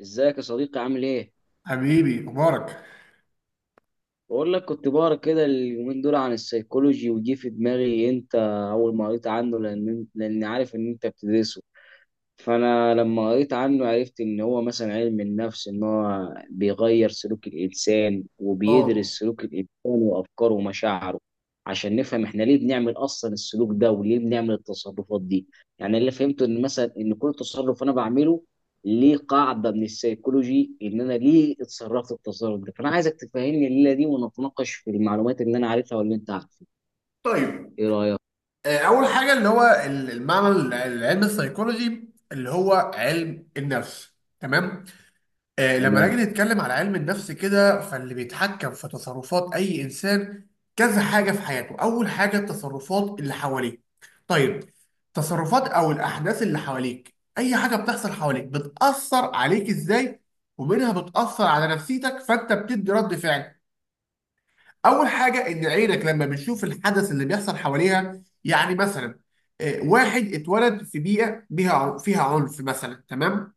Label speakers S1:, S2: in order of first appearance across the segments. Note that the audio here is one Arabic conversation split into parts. S1: ازيك يا صديقي؟ عامل ايه؟
S2: حبيبي مبارك.
S1: بقول لك، كنت بقرا كده اليومين دول عن السيكولوجي وجي في دماغي انت اول ما قريت عنه، لاني عارف ان انت بتدرسه. فانا لما قريت عنه عرفت ان هو مثلا علم النفس، ان هو بيغير سلوك الانسان
S2: اه،
S1: وبيدرس سلوك الانسان وافكاره ومشاعره عشان نفهم احنا ليه بنعمل اصلا السلوك ده وليه بنعمل التصرفات دي. يعني اللي فهمته ان مثلا كل تصرف انا بعمله ليه قاعده من السيكولوجي، ان انا ليه اتصرفت التصرف ده. فانا عايزك تفهمني الليله دي ونتناقش في المعلومات اللي انا عارفها واللي انت عارفها.
S2: طيب.
S1: ايه رايك؟
S2: اول حاجه اللي هو المعنى العلم السيكولوجي اللي هو علم النفس. تمام. لما
S1: تمام.
S2: نيجي نتكلم على علم النفس كده، فاللي بيتحكم في تصرفات اي انسان كذا حاجه في حياته. اول حاجه التصرفات اللي حواليه. طيب، التصرفات او الاحداث اللي حواليك اي حاجه بتحصل حواليك بتاثر عليك ازاي، ومنها بتاثر على نفسيتك فانت بتدي رد فعل. اول حاجه ان عينك لما بتشوف الحدث اللي بيحصل حواليها، يعني مثلا واحد اتولد في بيئه بيها فيها عنف مثلا، تمام.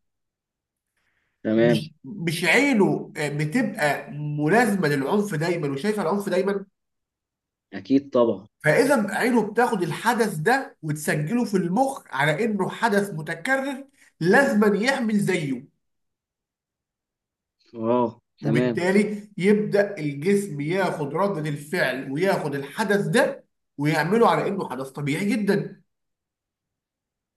S1: تمام.
S2: مش عينه بتبقى ملازمه للعنف دايما، وشايفه العنف دايما.
S1: اكيد طبعا.
S2: فاذا عينه بتاخد الحدث ده وتسجله في المخ على انه حدث متكرر لازما يعمل زيه،
S1: اه تمام.
S2: وبالتالي يبدا الجسم ياخد رده الفعل وياخد الحدث ده ويعمله على انه حدث طبيعي جدا.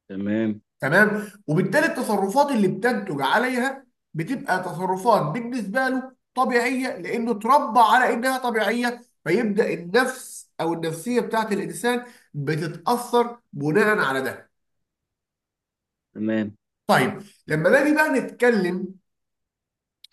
S1: تمام.
S2: تمام، وبالتالي التصرفات اللي بتنتج عليها بتبقى تصرفات بالنسبه له طبيعيه لانه اتربى على انها طبيعيه، فيبدا النفس او النفسيه بتاعت الانسان بتتاثر بناء على ده.
S1: تمام.
S2: طيب، لما نيجي بقى نتكلم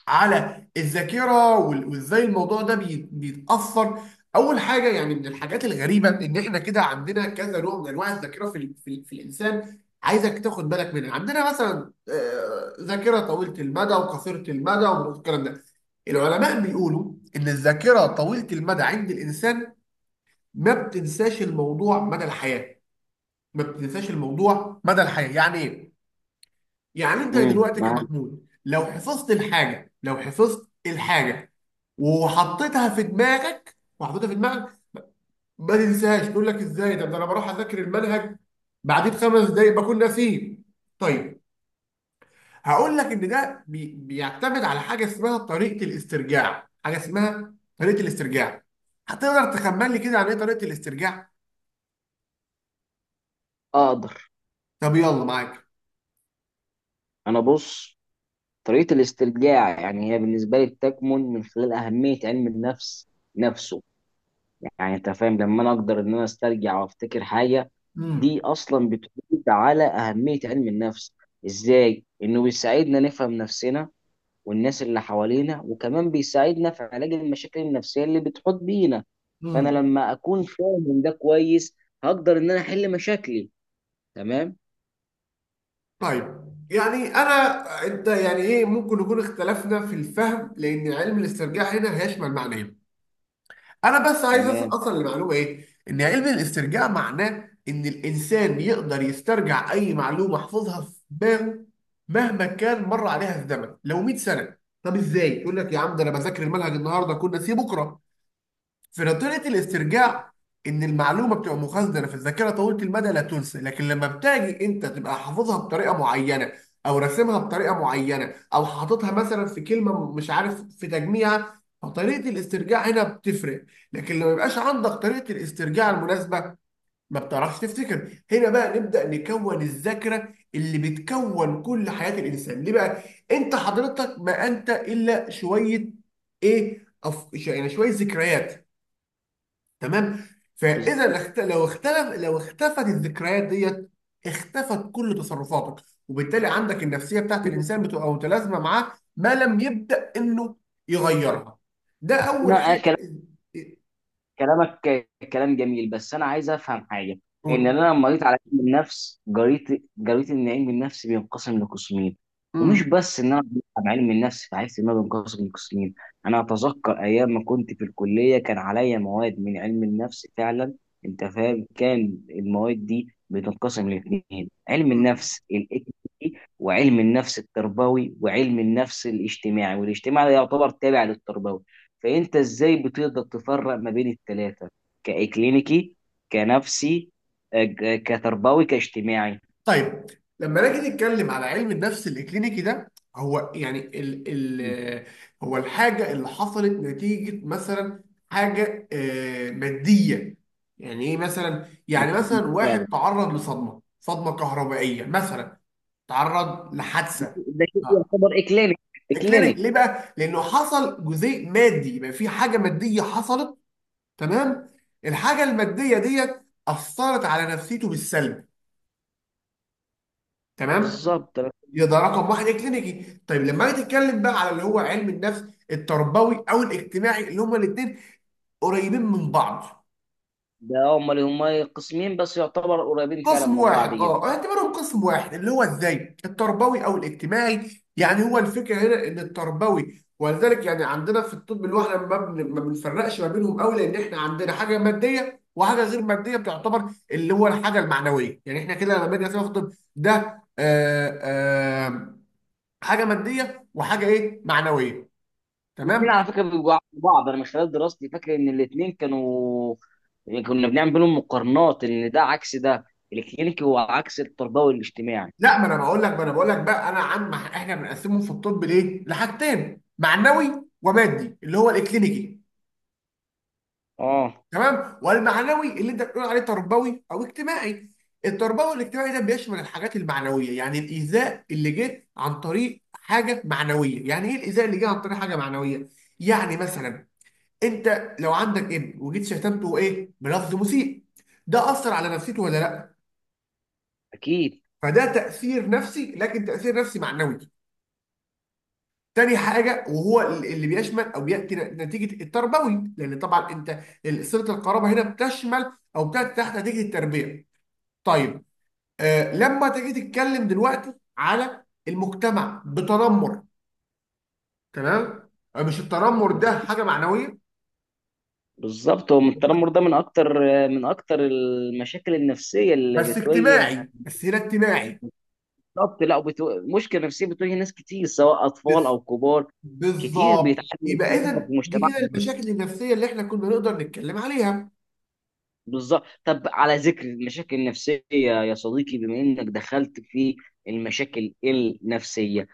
S2: على الذاكره وازاي الموضوع ده بيتاثر. اول حاجه يعني من الحاجات الغريبه ان احنا كده عندنا كذا نوع من انواع الذاكره في في الانسان. عايزك تاخد بالك منها. عندنا مثلا ذاكره طويله المدى وقصيره المدى والكلام ده. العلماء بيقولوا ان الذاكره طويله المدى عند الانسان ما بتنساش الموضوع مدى الحياه. ما بتنساش الموضوع مدى الحياه يعني ايه؟ يعني انت
S1: امم،
S2: دلوقتي
S1: معاك.
S2: كمحمود، لو حفظت الحاجه وحطيتها في دماغك ما تنساهاش. تقول لك ازاي ده انا بروح اذاكر المنهج بعدين خمس دقايق بكون ناسيه. طيب، هقول لك ان ده بيعتمد على حاجه اسمها طريقه الاسترجاع. هتقدر تخمن لي كده عن ايه طريقه الاسترجاع؟
S1: اقدر.
S2: طب يلا معاك.
S1: انا بص، طريقه الاسترجاع يعني هي بالنسبه لي بتكمن من خلال اهميه علم النفس نفسه. يعني انت فاهم، لما انا اقدر ان انا استرجع وافتكر حاجه، دي اصلا بتعود على اهميه علم النفس، ازاي انه بيساعدنا نفهم نفسنا والناس اللي حوالينا، وكمان بيساعدنا في علاج المشاكل النفسيه اللي بتحط بينا. فانا
S2: امم.
S1: لما اكون فاهم ده كويس هقدر ان انا احل مشاكلي. تمام.
S2: طيب، يعني انت يعني ايه. ممكن نكون اختلفنا في الفهم، لان علم الاسترجاع هنا هيشمل معنيين. انا بس عايز
S1: تمام.
S2: اوصل لمعلومه ايه. ان علم الاسترجاع معناه ان الانسان يقدر يسترجع اي معلومه حفظها في دماغه مهما كان مر عليها الزمن، لو 100 سنه. طب ازاي يقول لك يا عم، ده انا بذاكر المنهج النهارده كنت ناسيه بكره؟ في نظرية الاسترجاع، إن المعلومة بتبقى مخزنة في الذاكرة طويلة المدى لا تنسى، لكن لما بتاجي أنت تبقى حافظها بطريقة معينة أو راسمها بطريقة معينة أو حاططها مثلا في كلمة مش عارف في تجميعها، فطريقة الاسترجاع هنا بتفرق، لكن لو ما يبقاش عندك طريقة الاسترجاع المناسبة، ما بتعرفش تفتكر. هنا بقى نبدأ نكون الذاكرة اللي بتكون كل حياة الإنسان. ليه بقى؟ أنت حضرتك ما أنت إلا شوية إيه؟ يعني شوية ذكريات. تمام. فاذا اخت... لو اختلف لو اختفت الذكريات ديت، اختفت كل تصرفاتك، وبالتالي عندك النفسيه بتاعت الانسان بتبقى متلازمه معاه ما لم يبدا انه يغيرها. ده اول حاجه.
S1: كلامك كلام جميل، بس انا عايز افهم حاجه. ان انا
S2: قول.
S1: لما قريت علم النفس، قريت ان علم النفس بينقسم لقسمين. ومش
S2: امم.
S1: بس ان انا قريت عن علم النفس فعرفت ان هو بينقسم لقسمين، انا اتذكر ايام ما كنت في الكليه كان عليا مواد من علم النفس فعلا. انت فاهم، كان المواد دي بتنقسم لاثنين: علم النفس الاكتي، وعلم النفس التربوي، وعلم النفس الاجتماعي، والاجتماعي ده يعتبر تابع للتربوي. فانت ازاي بتقدر تفرق ما بين الثلاثه؟ كاكلينيكي، كنفسي، كتربوي، كاجتماعي؟
S2: طيب، لما نيجي نتكلم على علم النفس الاكلينيكي، ده هو يعني ال ال هو الحاجه اللي حصلت نتيجه مثلا حاجه ماديه. يعني ايه مثلا؟
S1: ده
S2: يعني مثلا
S1: فعلا.
S2: واحد تعرض لصدمه، صدمه كهربائيه مثلا. تعرض لحادثه.
S1: ده شيء
S2: آه.
S1: يعتبر اكلينيك.
S2: اكلينيك، ليه
S1: اكلينيك.
S2: بقى؟ لانه حصل جزيء مادي، يبقى في حاجه ماديه حصلت. تمام، الحاجه الماديه ديت اثرت على نفسيته بالسلب. تمام،
S1: بالظبط.
S2: يبقى ده رقم واحد، الكلينيكي. طيب، لما اجي اتكلم بقى على اللي هو علم النفس التربوي او الاجتماعي، اللي هما الاثنين قريبين من بعض.
S1: ده هم اللي هم قسمين بس، يعتبر قريبين فعلا
S2: قسم
S1: من بعض
S2: واحد،
S1: جدا.
S2: اه اعتبرهم قسم واحد، اللي هو ازاي التربوي او الاجتماعي. يعني هو الفكره هنا ان التربوي، ولذلك يعني عندنا في الطب اللي هو احنا ما بنفرقش ما بينهم قوي، لان احنا عندنا حاجه ماديه وحاجه غير ماديه بتعتبر اللي هو الحاجه المعنويه. يعني احنا كده لما نيجي ناخد ده، آه آه حاجه ماديه وحاجه ايه، معنويه.
S1: الاثنين
S2: تمام.
S1: على فكره بيبقوا عكس بعض. انا من خلال دراستي فاكر ان الاثنين كانوا، كنا بنعمل بينهم مقارنات ان ده عكس ده. الكلينيكي هو عكس التربوي الاجتماعي.
S2: لا، ما انا بقول لك، بقى انا، عن ما احنا بنقسمهم في الطب ليه، لحاجتين: معنوي ومادي، اللي هو الكلينيكي.
S1: اه.
S2: تمام، والمعنوي اللي انت بتقول عليه تربوي او اجتماعي. التربوي والاجتماعي ده بيشمل الحاجات المعنويه. يعني الايذاء اللي جه عن طريق حاجه معنويه يعني ايه؟ الايذاء اللي جه عن طريق حاجه معنويه، يعني مثلا انت لو عندك ابن وجيت شتمته ايه بلفظ مسيء، ده اثر على نفسيته ولا لا؟
S1: اكيد.
S2: فده تاثير نفسي، لكن تاثير نفسي معنوي. تاني حاجة، وهو اللي بيشمل أو بيأتي نتيجة التربوي، لأن طبعا أنت صلة القرابة هنا بتشمل أو بتأتي تحت نتيجة التربية. طيب، لما تيجي تتكلم دلوقتي على المجتمع بتنمر، تمام؟ مش التنمر ده حاجة معنوية؟
S1: بالظبط، هو التنمر ده من اكتر، من اكتر المشاكل النفسيه اللي
S2: بس
S1: بتواجه.
S2: اجتماعي، بس هنا اجتماعي.
S1: بالظبط. لا وبتو... مشكله نفسيه بتواجه ناس كتير سواء اطفال
S2: بس،
S1: او كبار. كتير
S2: بالظبط.
S1: بيتعانوا من
S2: يبقى
S1: التنمر في
S2: إذا دي كده
S1: مجتمعنا.
S2: المشاكل النفسية اللي احنا كنا نقدر نتكلم عليها.
S1: بالظبط. طب على ذكر المشاكل النفسيه يا صديقي، بما انك دخلت في المشاكل النفسيه،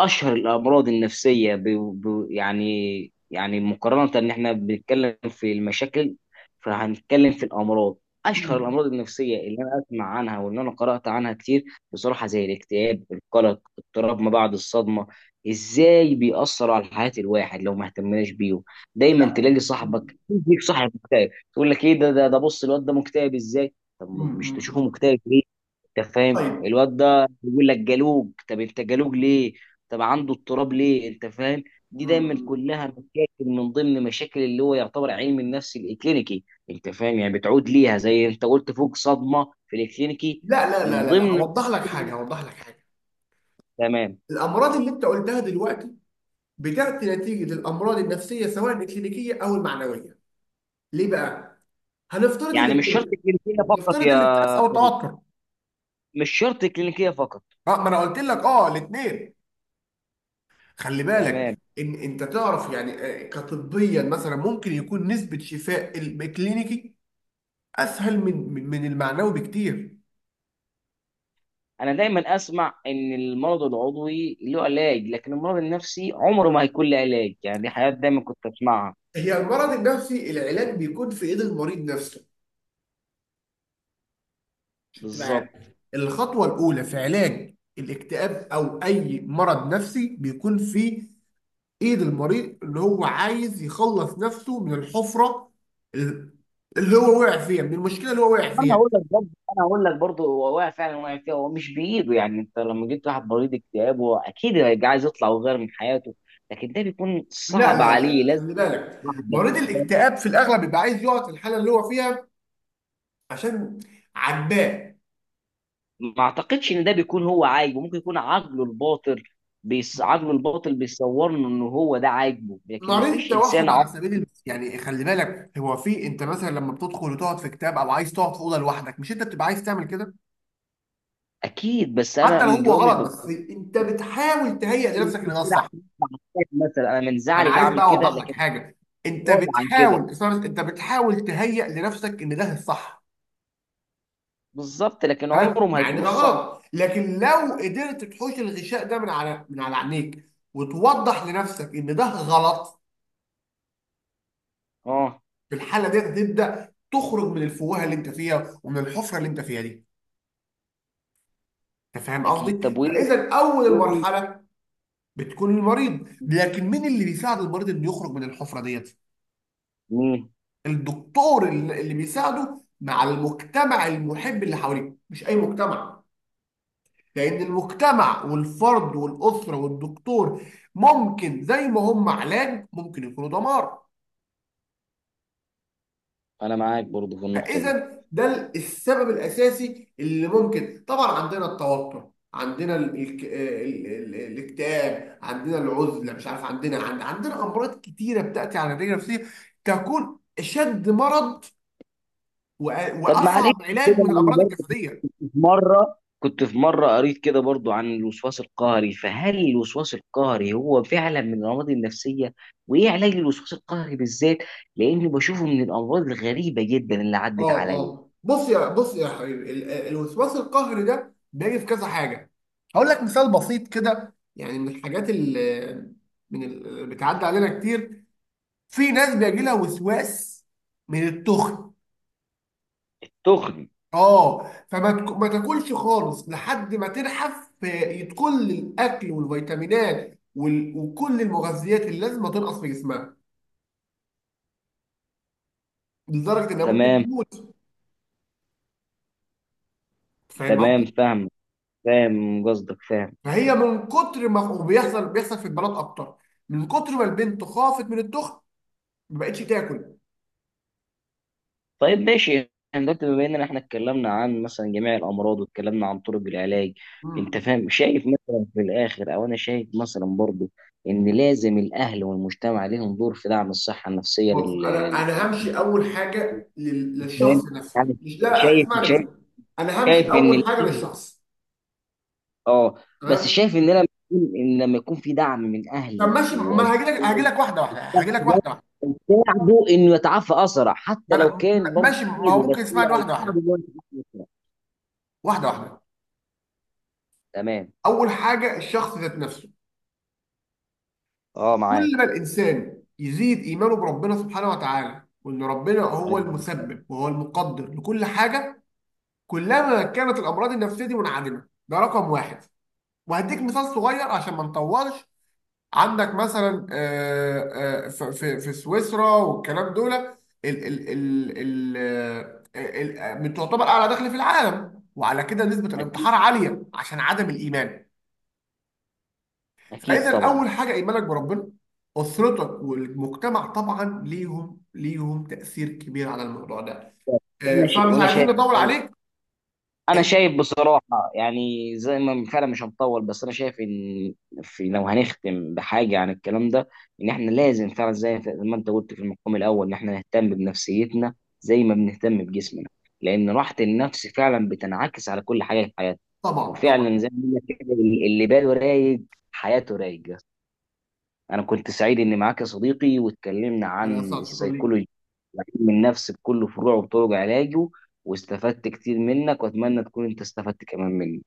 S1: اشهر الامراض النفسيه يعني، مقارنه ان احنا بنتكلم في المشاكل فهنتكلم في الامراض، اشهر
S2: مم.
S1: الامراض النفسيه اللي انا اسمع عنها واللي انا قرات عنها كتير بصراحه، زي الاكتئاب، القلق، اضطراب ما بعد الصدمه، ازاي بيأثر على حياه الواحد لو ما اهتمناش بيهم. دايما
S2: لا.
S1: تلاقي
S2: مم.
S1: صاحبك يجيك صاحب مكتئب تقول لك ايه ده؟ بص الواد ده مكتئب ازاي؟ طب
S2: مم.
S1: مش تشوفه
S2: مم.
S1: مكتئب ليه؟ انت فاهم،
S2: طيب.
S1: الواد ده بيقول لك جالوج، طب انت جالوج ليه؟ طب عنده اضطراب ليه؟ انت فاهم، دي دايما
S2: مم.
S1: كلها مشاكل من ضمن مشاكل اللي هو يعتبر علم النفس الكلينيكي. انت فاهم يعني بتعود ليها زي انت قلت فوق، صدمه في الكلينيكي.
S2: لا، لا، لا،
S1: من
S2: لا، لا،
S1: ضمن
S2: هوضح لك حاجه.
S1: تمام.
S2: الامراض اللي انت قلتها دلوقتي بتاتي نتيجه الامراض النفسيه سواء الكلينيكيه او المعنويه. ليه بقى؟ هنفترض
S1: يعني مش شرط
S2: الاسترس
S1: كلينيكيه فقط
S2: نفترض
S1: يا،
S2: الاسترس او التوتر.
S1: مش شرط كلينيكيه فقط.
S2: اه، ما انا قلت لك، اه الاثنين. خلي
S1: تمام.
S2: بالك ان انت تعرف، يعني كطبيا مثلا، ممكن يكون نسبه شفاء الكلينيكي اسهل من المعنوي بكتير.
S1: انا دايما اسمع ان المرض العضوي له علاج، لكن المرض النفسي عمره ما هيكون له علاج. يعني دي حاجات دايما كنت اسمعها.
S2: هي المرض النفسي العلاج بيكون في ايد المريض نفسه. شفت
S1: بالظبط.
S2: معاك؟ الخطوة الأولى في علاج الاكتئاب أو أي مرض نفسي بيكون في إيد المريض، اللي هو عايز يخلص نفسه من الحفرة، ال- اللي هو وقع فيها، من المشكلة اللي هو وقع
S1: انا
S2: فيها.
S1: هقول لك برضه، هو واقع، فعلا واقع فيها، هو مش بايده. يعني انت لما جبت واحد مريض اكتئاب، هو اكيد هيبقى عايز يطلع ويغير من حياته، لكن ده بيكون
S2: لا
S1: صعب
S2: لا لا
S1: عليه.
S2: لا،
S1: لازم
S2: خلي بالك،
S1: واحد،
S2: مريض الاكتئاب في الأغلب بيبقى عايز يقعد في الحالة اللي هو فيها عشان عجباه.
S1: ما اعتقدش ان ده بيكون هو عاجبه. ممكن يكون عقله الباطل عقله الباطل بيصور له ان هو ده عاجبه، لكن ما
S2: مريض
S1: فيش انسان
S2: التوحد
S1: عاقل
S2: على سبيل المثال، يعني خلي بالك، هو في انت مثلا لما بتدخل وتقعد في كتاب او عايز تقعد في اوضه لوحدك، مش انت بتبقى عايز تعمل كده
S1: اكيد. بس انا
S2: حتى لو
S1: من
S2: هو
S1: جوايا مش
S2: غلط؟
S1: بقول
S2: بس
S1: كده
S2: انت بتحاول تهيئ
S1: عشان
S2: لنفسك ان ده
S1: أطلع.
S2: الصح.
S1: مكتئب مثلا، انا من
S2: ما انا
S1: زعلي
S2: عايز
S1: بعمل
S2: بقى
S1: كده
S2: اوضح لك
S1: لكن
S2: حاجه.
S1: مش
S2: انت
S1: راضي عن كده.
S2: بتحاول، اسمع بس، انت بتحاول تهيئ لنفسك ان ده الصح.
S1: بالظبط، لكن عمره
S2: تمام.
S1: ما
S2: مع ان
S1: هيكون
S2: ده
S1: الصح.
S2: غلط، لكن لو قدرت تحوش الغشاء ده من على عينيك وتوضح لنفسك ان ده غلط،
S1: اه.
S2: في الحاله دي تبدا تخرج من الفوهه اللي انت فيها، ومن الحفره اللي انت فيها دي. انت فاهم
S1: اكيد.
S2: قصدي؟
S1: طب وايه؟
S2: فاذا اول المرحله بتكون المريض، لكن مين اللي بيساعد المريض انه يخرج من الحفره ديت؟
S1: مم.
S2: الدكتور اللي بيساعده، مع المجتمع المحب اللي حواليه، مش اي مجتمع، لان المجتمع والفرد والاسره والدكتور ممكن زي ما هم علاج ممكن يكونوا دمار.
S1: انا معاك برضو في النقطه دي.
S2: فاذا ده السبب الاساسي اللي ممكن. طبعا عندنا التوتر، عندنا ال ال ال ال الاكتئاب، عندنا العزله، مش عارف، عندنا عندنا امراض كتيره بتاتي على الرجل النفسيه تكون اشد مرض وأ-
S1: طب معلش،
S2: واصعب علاج
S1: كده
S2: من
S1: انا
S2: الامراض
S1: برضو
S2: الجسديه.
S1: كنت، في مره قريت كده برضو عن الوسواس القهري، فهل الوسواس القهري هو فعلا من الامراض النفسيه؟ وايه علاج الوسواس القهري بالذات؟ لاني بشوفه من الامراض الغريبه جدا اللي عدت
S2: اه.
S1: عليا.
S2: اه بص، يا حبيبي، الوسواس القهري ده بيجي في كذا حاجه. هقول لك مثال بسيط كده، يعني من الحاجات اللي اللي بتعدي علينا كتير. في ناس بيجي لها وسواس من التخن.
S1: تخني.
S2: اه، ما تاكلش خالص لحد ما تنحف، في كل الاكل والفيتامينات وكل المغذيات اللي لازم تنقص في جسمها لدرجه انها ممكن
S1: تمام.
S2: تموت. فاهم؟
S1: تمام فاهم. فاهم قصدك، فاهم.
S2: فهي من كتر ما، وبيحصل في البنات اكتر، من كتر ما البنت خافت من الدخن ما بقتش تاكل.
S1: طيب ماشي، احنا دلوقتي بما اننا احنا اتكلمنا عن مثلا جميع الامراض واتكلمنا عن طرق العلاج، انت
S2: مم.
S1: فاهم، شايف مثلا في الاخر، او انا شايف مثلا برضو ان لازم الاهل والمجتمع ليهم دور في دعم الصحه النفسيه
S2: بص، انا انا همشي اول حاجه للشخص
S1: للانسان،
S2: نفسه،
S1: يعني.
S2: مش... لا لا،
S1: شايف،
S2: اسمعني بس،
S1: شايف.
S2: انا همشي
S1: شايف ان
S2: اول حاجه للشخص.
S1: اه، بس
S2: تمام.
S1: شايف ان لما يكون ان لما يكون في دعم من
S2: طب
S1: اهلي
S2: ماشي، ما انا
S1: واصدقائي،
S2: هاجي لك واحده واحده،
S1: ده يساعده انه يتعافى اسرع.
S2: ما
S1: حتى لو
S2: انا
S1: كان برضه
S2: ماشي. ما هو
S1: كتير بس،
S2: ممكن
S1: هو
S2: يسمعني واحده
S1: هيساعده
S2: واحده
S1: انه يتعافى اسرع.
S2: واحده واحده
S1: تمام.
S2: اول حاجه الشخص ذات نفسه.
S1: اه
S2: كل ما
S1: معاك.
S2: الانسان يزيد ايمانه بربنا سبحانه وتعالى، وان ربنا هو
S1: تمام.
S2: المسبب وهو المقدر لكل حاجه، كلما كانت الامراض النفسيه دي منعدمه. ده رقم واحد. وهديك مثال صغير عشان ما نطولش. عندك مثلا في سويسرا والكلام دول، ال ال ال آه، من تعتبر اعلى دخل في العالم، وعلى كده نسبه الانتحار عاليه عشان عدم الايمان.
S1: اكيد
S2: فاذا
S1: طبعا.
S2: اول حاجه ايمانك بربنا. اسرتك والمجتمع طبعا ليهم تاثير كبير على الموضوع ده.
S1: انا شايف،
S2: فمش
S1: وانا
S2: عايزين
S1: شايف
S2: نطول عليك.
S1: انا شايف بصراحه، يعني زي ما فعلا مش هنطول، بس انا شايف ان في، لو هنختم بحاجه عن الكلام ده، ان احنا لازم فعلا زي ما انت قلت في المقام الاول، ان احنا نهتم بنفسيتنا زي ما بنهتم بجسمنا، لان راحه النفس فعلا بتنعكس على كل حاجه في حياتنا.
S2: طبعا
S1: وفعلا
S2: طبعا.
S1: زي ما بيقول لك كده، اللي باله رايق حياته رايقه. أنا كنت سعيد إني معاك يا صديقي واتكلمنا
S2: انا
S1: عن
S2: اسف. شكرا ليك.
S1: السيكولوجي، علم النفس بكل فروعه وطرق علاجه. واستفدت كتير منك، وأتمنى تكون أنت استفدت كمان مني.